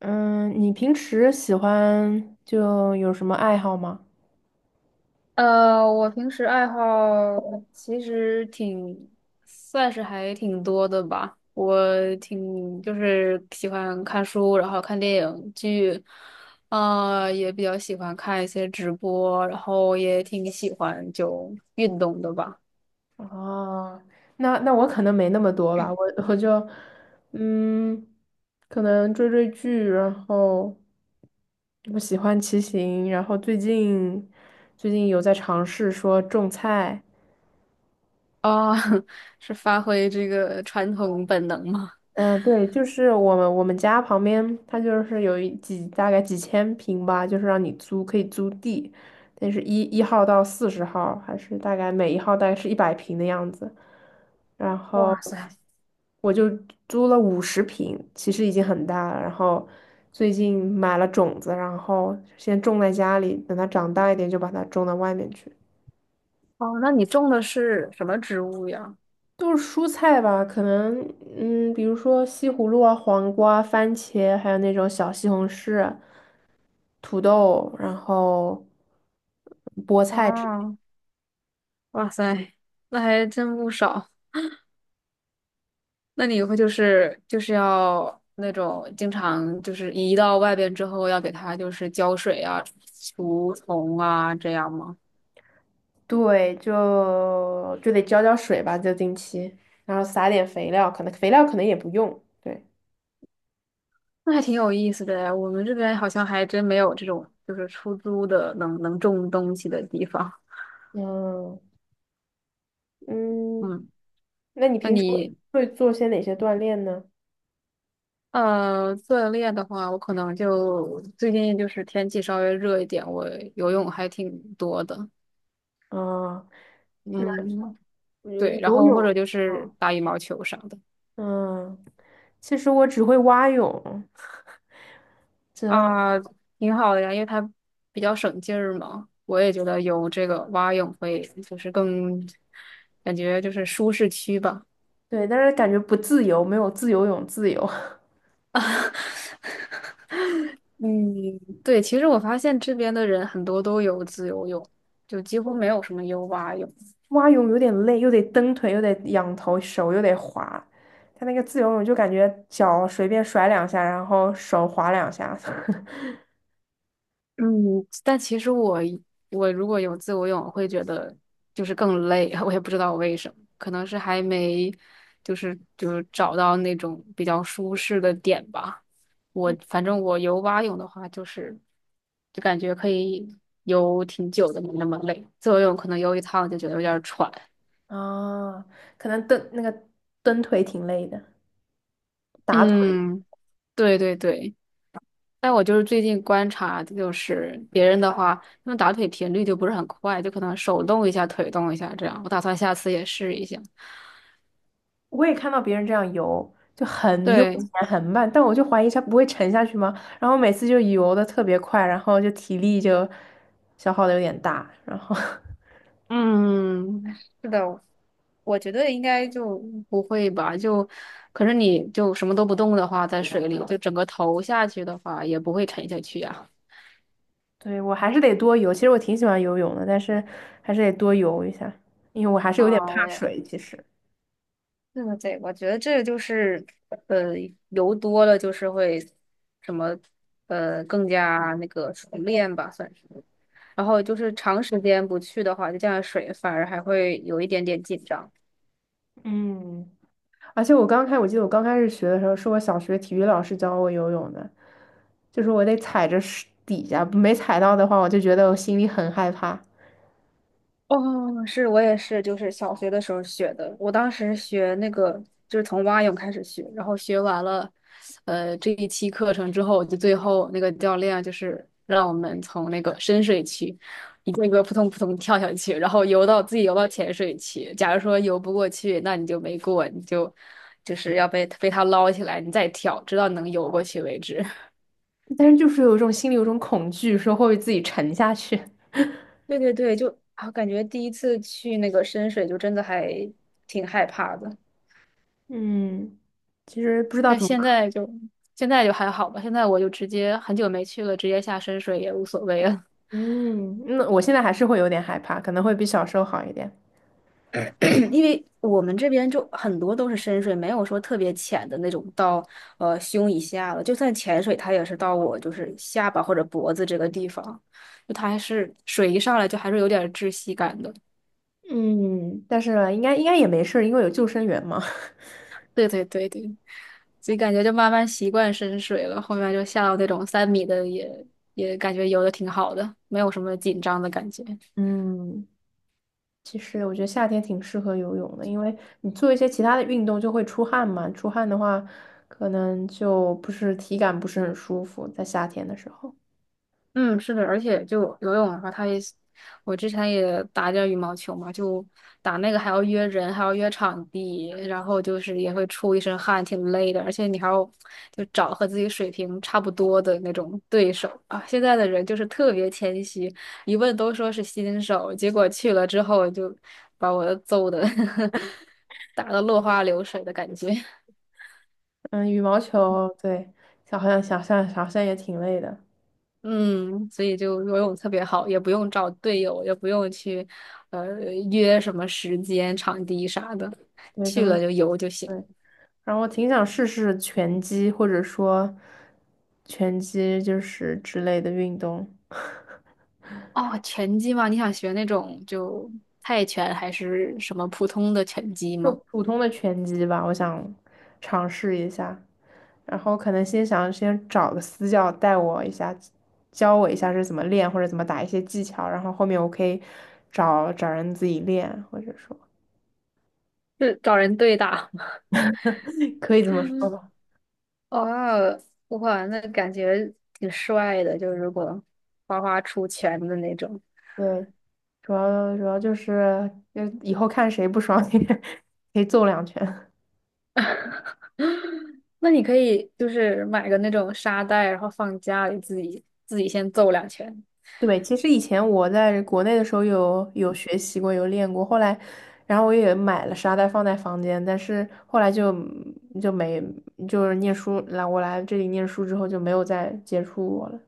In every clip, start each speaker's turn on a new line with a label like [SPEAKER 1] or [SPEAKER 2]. [SPEAKER 1] 嗯，你平时喜欢就有什么爱好吗？
[SPEAKER 2] 我平时爱好其实挺，算是还挺多的吧。我挺就是喜欢看书，然后看电影剧，啊，也比较喜欢看一些直播，然后也挺喜欢运动的吧。
[SPEAKER 1] 哦，那我可能没那么多吧，我就嗯，可能追追剧，然后我喜欢骑行，然后最近有在尝试说种菜。
[SPEAKER 2] 啊、是发挥这个传统本能吗？
[SPEAKER 1] 对，就是我们家旁边，它就是有几大概几千平吧，就是让你租，可以租地，但是1号到40号，还是大概每一号大概是100平的样子。然后
[SPEAKER 2] 哇塞。
[SPEAKER 1] 我就租了50平，其实已经很大了。然后最近买了种子，然后先种在家里，等它长大一点就把它种到外面去。
[SPEAKER 2] 哦，那你种的是什么植物呀？
[SPEAKER 1] 都是蔬菜吧，可能比如说西葫芦啊、黄瓜啊、番茄，还有那种小西红柿、土豆，然后菠菜之类的。
[SPEAKER 2] 哦，哇塞，那还真不少。那你以后就是要那种经常移到外边之后要给它浇水啊、除虫啊这样吗？
[SPEAKER 1] 对，就得浇浇水吧，就定期，然后撒点肥料，可能肥料可能也不用。对。
[SPEAKER 2] 那还挺有意思的呀，我们这边好像还真没有这种出租的能种东西的地方。
[SPEAKER 1] 嗯嗯，
[SPEAKER 2] 嗯，
[SPEAKER 1] 那你
[SPEAKER 2] 那
[SPEAKER 1] 平时
[SPEAKER 2] 你
[SPEAKER 1] 会做些哪些锻炼呢？
[SPEAKER 2] 锻炼的话，我可能就最近天气稍微热一点，我游泳还挺多的。
[SPEAKER 1] 啊，
[SPEAKER 2] 嗯，
[SPEAKER 1] 游
[SPEAKER 2] 对，然
[SPEAKER 1] 游
[SPEAKER 2] 后或者
[SPEAKER 1] 泳。
[SPEAKER 2] 就
[SPEAKER 1] 嗯
[SPEAKER 2] 是打羽毛球啥的。
[SPEAKER 1] 嗯，其实我只会蛙泳，这。
[SPEAKER 2] 啊，挺好的呀，因为它比较省劲儿嘛。我也觉得游这个蛙泳会，就是更感觉就是舒适区吧。
[SPEAKER 1] 对，但是感觉不自由，没有自由泳自由。
[SPEAKER 2] 嗯，对，其实我发现这边的人很多都有自由泳，就几乎没有什么游蛙泳。
[SPEAKER 1] 蛙泳有点累，又得蹬腿，又得仰头，手又得滑。他那个自由泳就感觉脚随便甩两下，然后手滑两下。
[SPEAKER 2] 嗯，但其实如果有自由泳，我会觉得就是更累，我也不知道为什么，可能是还没就是找到那种比较舒适的点吧。我
[SPEAKER 1] 嗯，
[SPEAKER 2] 反正我游蛙泳的话，就感觉可以游挺久的，没那么累。自由泳可能游一趟就觉得有点儿喘。
[SPEAKER 1] 啊，可能蹬那个蹬腿挺累的，打腿。
[SPEAKER 2] 嗯，对对对。但我就是最近观察，就是别人的话，他们打腿频率就不是很快，就可能手动一下，腿动一下这样。我打算下次也试一下。
[SPEAKER 1] 我也看到别人这样游，就很悠
[SPEAKER 2] 对，
[SPEAKER 1] 闲很慢，但我就怀疑他不会沉下去吗？然后每次就游的特别快，然后就体力就消耗的有点大，然后
[SPEAKER 2] 嗯，是的，我觉得应该就不会吧，就，可是你就什么都不动的话，在水里，就整个头下去的话，也不会沉下去呀。
[SPEAKER 1] 对，我还是得多游。其实我挺喜欢游泳的，但是还是得多游一下，因为我还是有点怕
[SPEAKER 2] 啊，我也
[SPEAKER 1] 水。其实，
[SPEAKER 2] 对对对，我觉得这个就是，呃，游多了就是会什么，更加那个熟练吧，算是。然后就是长时间不去的话，就这样水反而还会有一点点紧张。
[SPEAKER 1] 嗯，而且我记得我刚开始学的时候，是我小学体育老师教我游泳的，就是我得踩着水底下，没踩到的话，我就觉得我心里很害怕。
[SPEAKER 2] 哦，是我也是，就是小学的时候学的。我当时学那个就是从蛙泳开始学，然后学完了，这一期课程之后，就最后那个教练就是让我们从那个深水区一个一个扑通扑通跳下去，然后游到浅水区。假如说游不过去，那你就没过，你就就是要被他捞起来，你再跳，直到能游过去为止。
[SPEAKER 1] 但是就是有一种心里有一种恐惧，说会不会自己沉下去。
[SPEAKER 2] 对对对，就啊，感觉第一次去那个深水就真的还挺害怕的，
[SPEAKER 1] 嗯，其实不知道
[SPEAKER 2] 但
[SPEAKER 1] 怎么
[SPEAKER 2] 现
[SPEAKER 1] 克。
[SPEAKER 2] 在就现在就还好吧。现在我就直接很久没去了，直接下深水也无所谓了。
[SPEAKER 1] 嗯，那我现在还是会有点害怕，可能会比小时候好一点。
[SPEAKER 2] 因为我们这边就很多都是深水，没有说特别浅的那种到胸以下了，就算潜水，它也是到我就是下巴或者脖子这个地方，就它还是水一上来就还是有点窒息感的。
[SPEAKER 1] 嗯，但是应该也没事儿，因为有救生员嘛。
[SPEAKER 2] 对对对对，所以感觉就慢慢习惯深水了，后面就下到那种三米的也感觉游的挺好的，没有什么紧张的感觉。
[SPEAKER 1] 嗯，其实我觉得夏天挺适合游泳的，因为你做一些其他的运动就会出汗嘛，出汗的话，可能就不是体感不是很舒服，在夏天的时候。
[SPEAKER 2] 嗯，是的，而且就游泳的话，它也是我之前也打点儿羽毛球嘛，就打那个还要约人，还要约场地，然后就是也会出一身汗，挺累的，而且你还要就找和自己水平差不多的那种对手啊。现在的人就是特别谦虚，一问都说是新手，结果去了之后就把我揍的 打的落花流水的感觉。
[SPEAKER 1] 嗯，羽毛球，对，好像想象好像也挺累的。
[SPEAKER 2] 嗯，所以就游泳特别好，也不用找队友，也不用去呃约什么时间、场地啥的，
[SPEAKER 1] 对，可
[SPEAKER 2] 去
[SPEAKER 1] 能
[SPEAKER 2] 了就游就行。
[SPEAKER 1] 对。然后我挺想试试拳击，或者说拳击就是之类的运动。
[SPEAKER 2] 哦，拳击吗？你想学那种就泰拳还是什么普通的拳击
[SPEAKER 1] 就
[SPEAKER 2] 吗？
[SPEAKER 1] 普通的拳击吧，我想尝试一下，然后可能先想先找个私教带我一下，教我一下是怎么练或者怎么打一些技巧，然后后面我可以找找人自己练，或者说
[SPEAKER 2] 是找人对打。
[SPEAKER 1] 可以这么说 吧。
[SPEAKER 2] 哦，哇，那感觉挺帅的，就是如果花花出拳的那种。
[SPEAKER 1] 对，主要就是就以后看谁不爽 可以揍两拳。
[SPEAKER 2] 那你可以就是买个那种沙袋，然后放家里自己先揍两拳。
[SPEAKER 1] 对，其实以前我在国内的时候有学习过，有练过，后来，然后我也买了沙袋放在房间，但是后来就没念书来我来这里念书之后就没有再接触过了。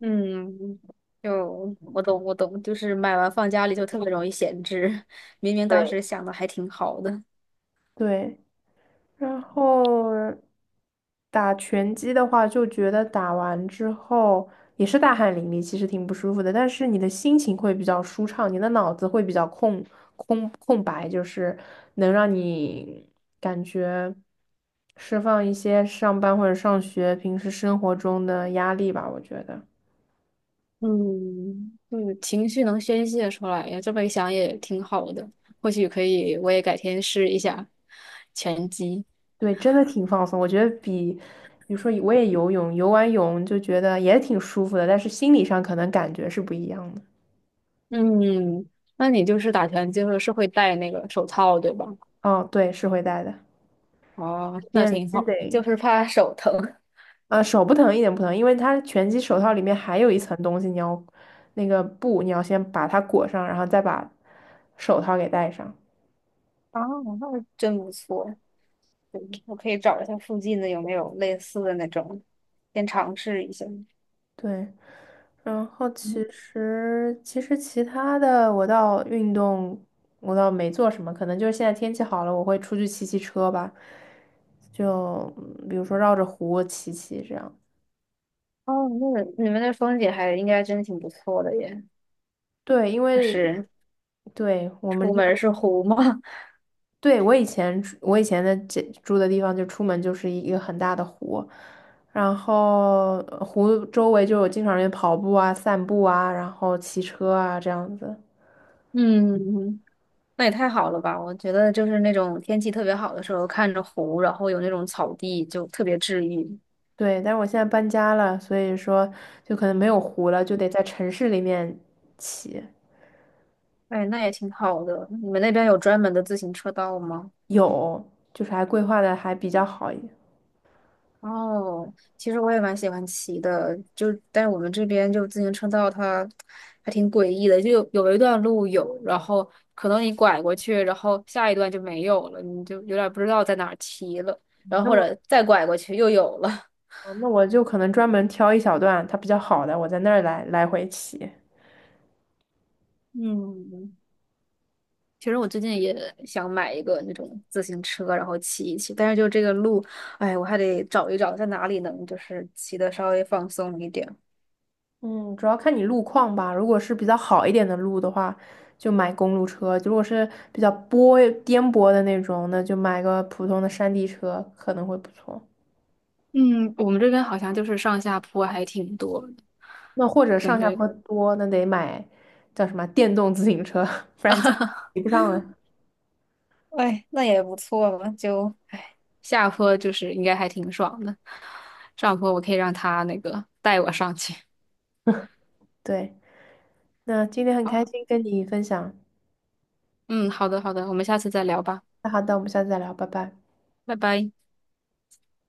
[SPEAKER 2] 嗯，就我懂，我懂，就是买完放家里就特别容易闲置，明明当
[SPEAKER 1] 对。
[SPEAKER 2] 时想的还挺好的。
[SPEAKER 1] 对。然后打拳击的话，就觉得打完之后也是大汗淋漓，其实挺不舒服的，但是你的心情会比较舒畅，你的脑子会比较空白，就是能让你感觉释放一些上班或者上学平时生活中的压力吧，我觉得。
[SPEAKER 2] 嗯，就是情绪能宣泄出来呀，这么一想也挺好的。或许可以，我也改天试一下拳击。
[SPEAKER 1] 对，真的挺放松。我觉得比，比如说我也游泳，游完泳就觉得也挺舒服的，但是心理上可能感觉是不一样的。
[SPEAKER 2] 嗯，那你就是打拳就是是会戴那个手套，对吧？
[SPEAKER 1] 哦，对，是会带的。
[SPEAKER 2] 哦，那
[SPEAKER 1] 天
[SPEAKER 2] 挺
[SPEAKER 1] 真得，
[SPEAKER 2] 好，就是怕手疼。
[SPEAKER 1] 手不疼一点不疼，因为它拳击手套里面还有一层东西，你要那个布，你要先把它裹上，然后再把手套给戴上。
[SPEAKER 2] 啊，那真不错。对，我可以找一下附近的有没有类似的那种，先尝试一下。
[SPEAKER 1] 对，然后其
[SPEAKER 2] 嗯，
[SPEAKER 1] 实其实其他的我倒没做什么，可能就是现在天气好了，我会出去骑骑车吧，就比如说绕着湖骑骑这样。
[SPEAKER 2] 哦，那个你们那风景还应该真的挺不错的耶，
[SPEAKER 1] 对，因为
[SPEAKER 2] 是
[SPEAKER 1] 对我
[SPEAKER 2] 出
[SPEAKER 1] 们
[SPEAKER 2] 门儿
[SPEAKER 1] 这。
[SPEAKER 2] 是湖嘛。
[SPEAKER 1] 对，我以前的住的地方，就出门就是一个很大的湖，然后湖周围就有经常人跑步啊、散步啊，然后骑车啊这样子。
[SPEAKER 2] 嗯，那也太好了吧！我觉得就是那种天气特别好的时候，看着湖，然后有那种草地，就特别治愈。
[SPEAKER 1] 对，但是我现在搬家了，所以说就可能没有湖了，就得在城市里面骑。
[SPEAKER 2] 哎，那也挺好的。你们那边有专门的自行车道吗？
[SPEAKER 1] 有，就是还规划的还比较好一点。
[SPEAKER 2] 哦，其实我也蛮喜欢骑的，就但是我们这边就自行车道它还挺诡异的，就有一段路有，然后可能你拐过去，然后下一段就没有了，你就有点不知道在哪儿骑了，然后
[SPEAKER 1] 那
[SPEAKER 2] 或
[SPEAKER 1] 我
[SPEAKER 2] 者再拐过去又有了。
[SPEAKER 1] 那我就可能专门挑一小段它比较好的，我在那儿来来回骑。
[SPEAKER 2] 嗯，其实我最近也想买一个那种自行车，然后骑一骑，但是就这个路，哎，我还得找一找在哪里能就是骑的稍微放松一点。
[SPEAKER 1] 嗯，主要看你路况吧。如果是比较好一点的路的话，就买公路车；如果是比较颠簸的那种，那就买个普通的山地车可能会不错。
[SPEAKER 2] 嗯，我们这边好像就是上下坡还挺多的
[SPEAKER 1] 那或者
[SPEAKER 2] 感
[SPEAKER 1] 上下
[SPEAKER 2] 觉。
[SPEAKER 1] 坡多，那得买叫什么电动自行车，不然骑 不上了。
[SPEAKER 2] 哎，那也不错嘛，就哎，下坡就是应该还挺爽的，上坡我可以让他那个带我上去。
[SPEAKER 1] 对，那今天很开
[SPEAKER 2] 啊，
[SPEAKER 1] 心跟你分享。
[SPEAKER 2] 嗯，好的好的，我们下次再聊吧，
[SPEAKER 1] 那好的，我们下次再聊，拜拜。
[SPEAKER 2] 拜拜。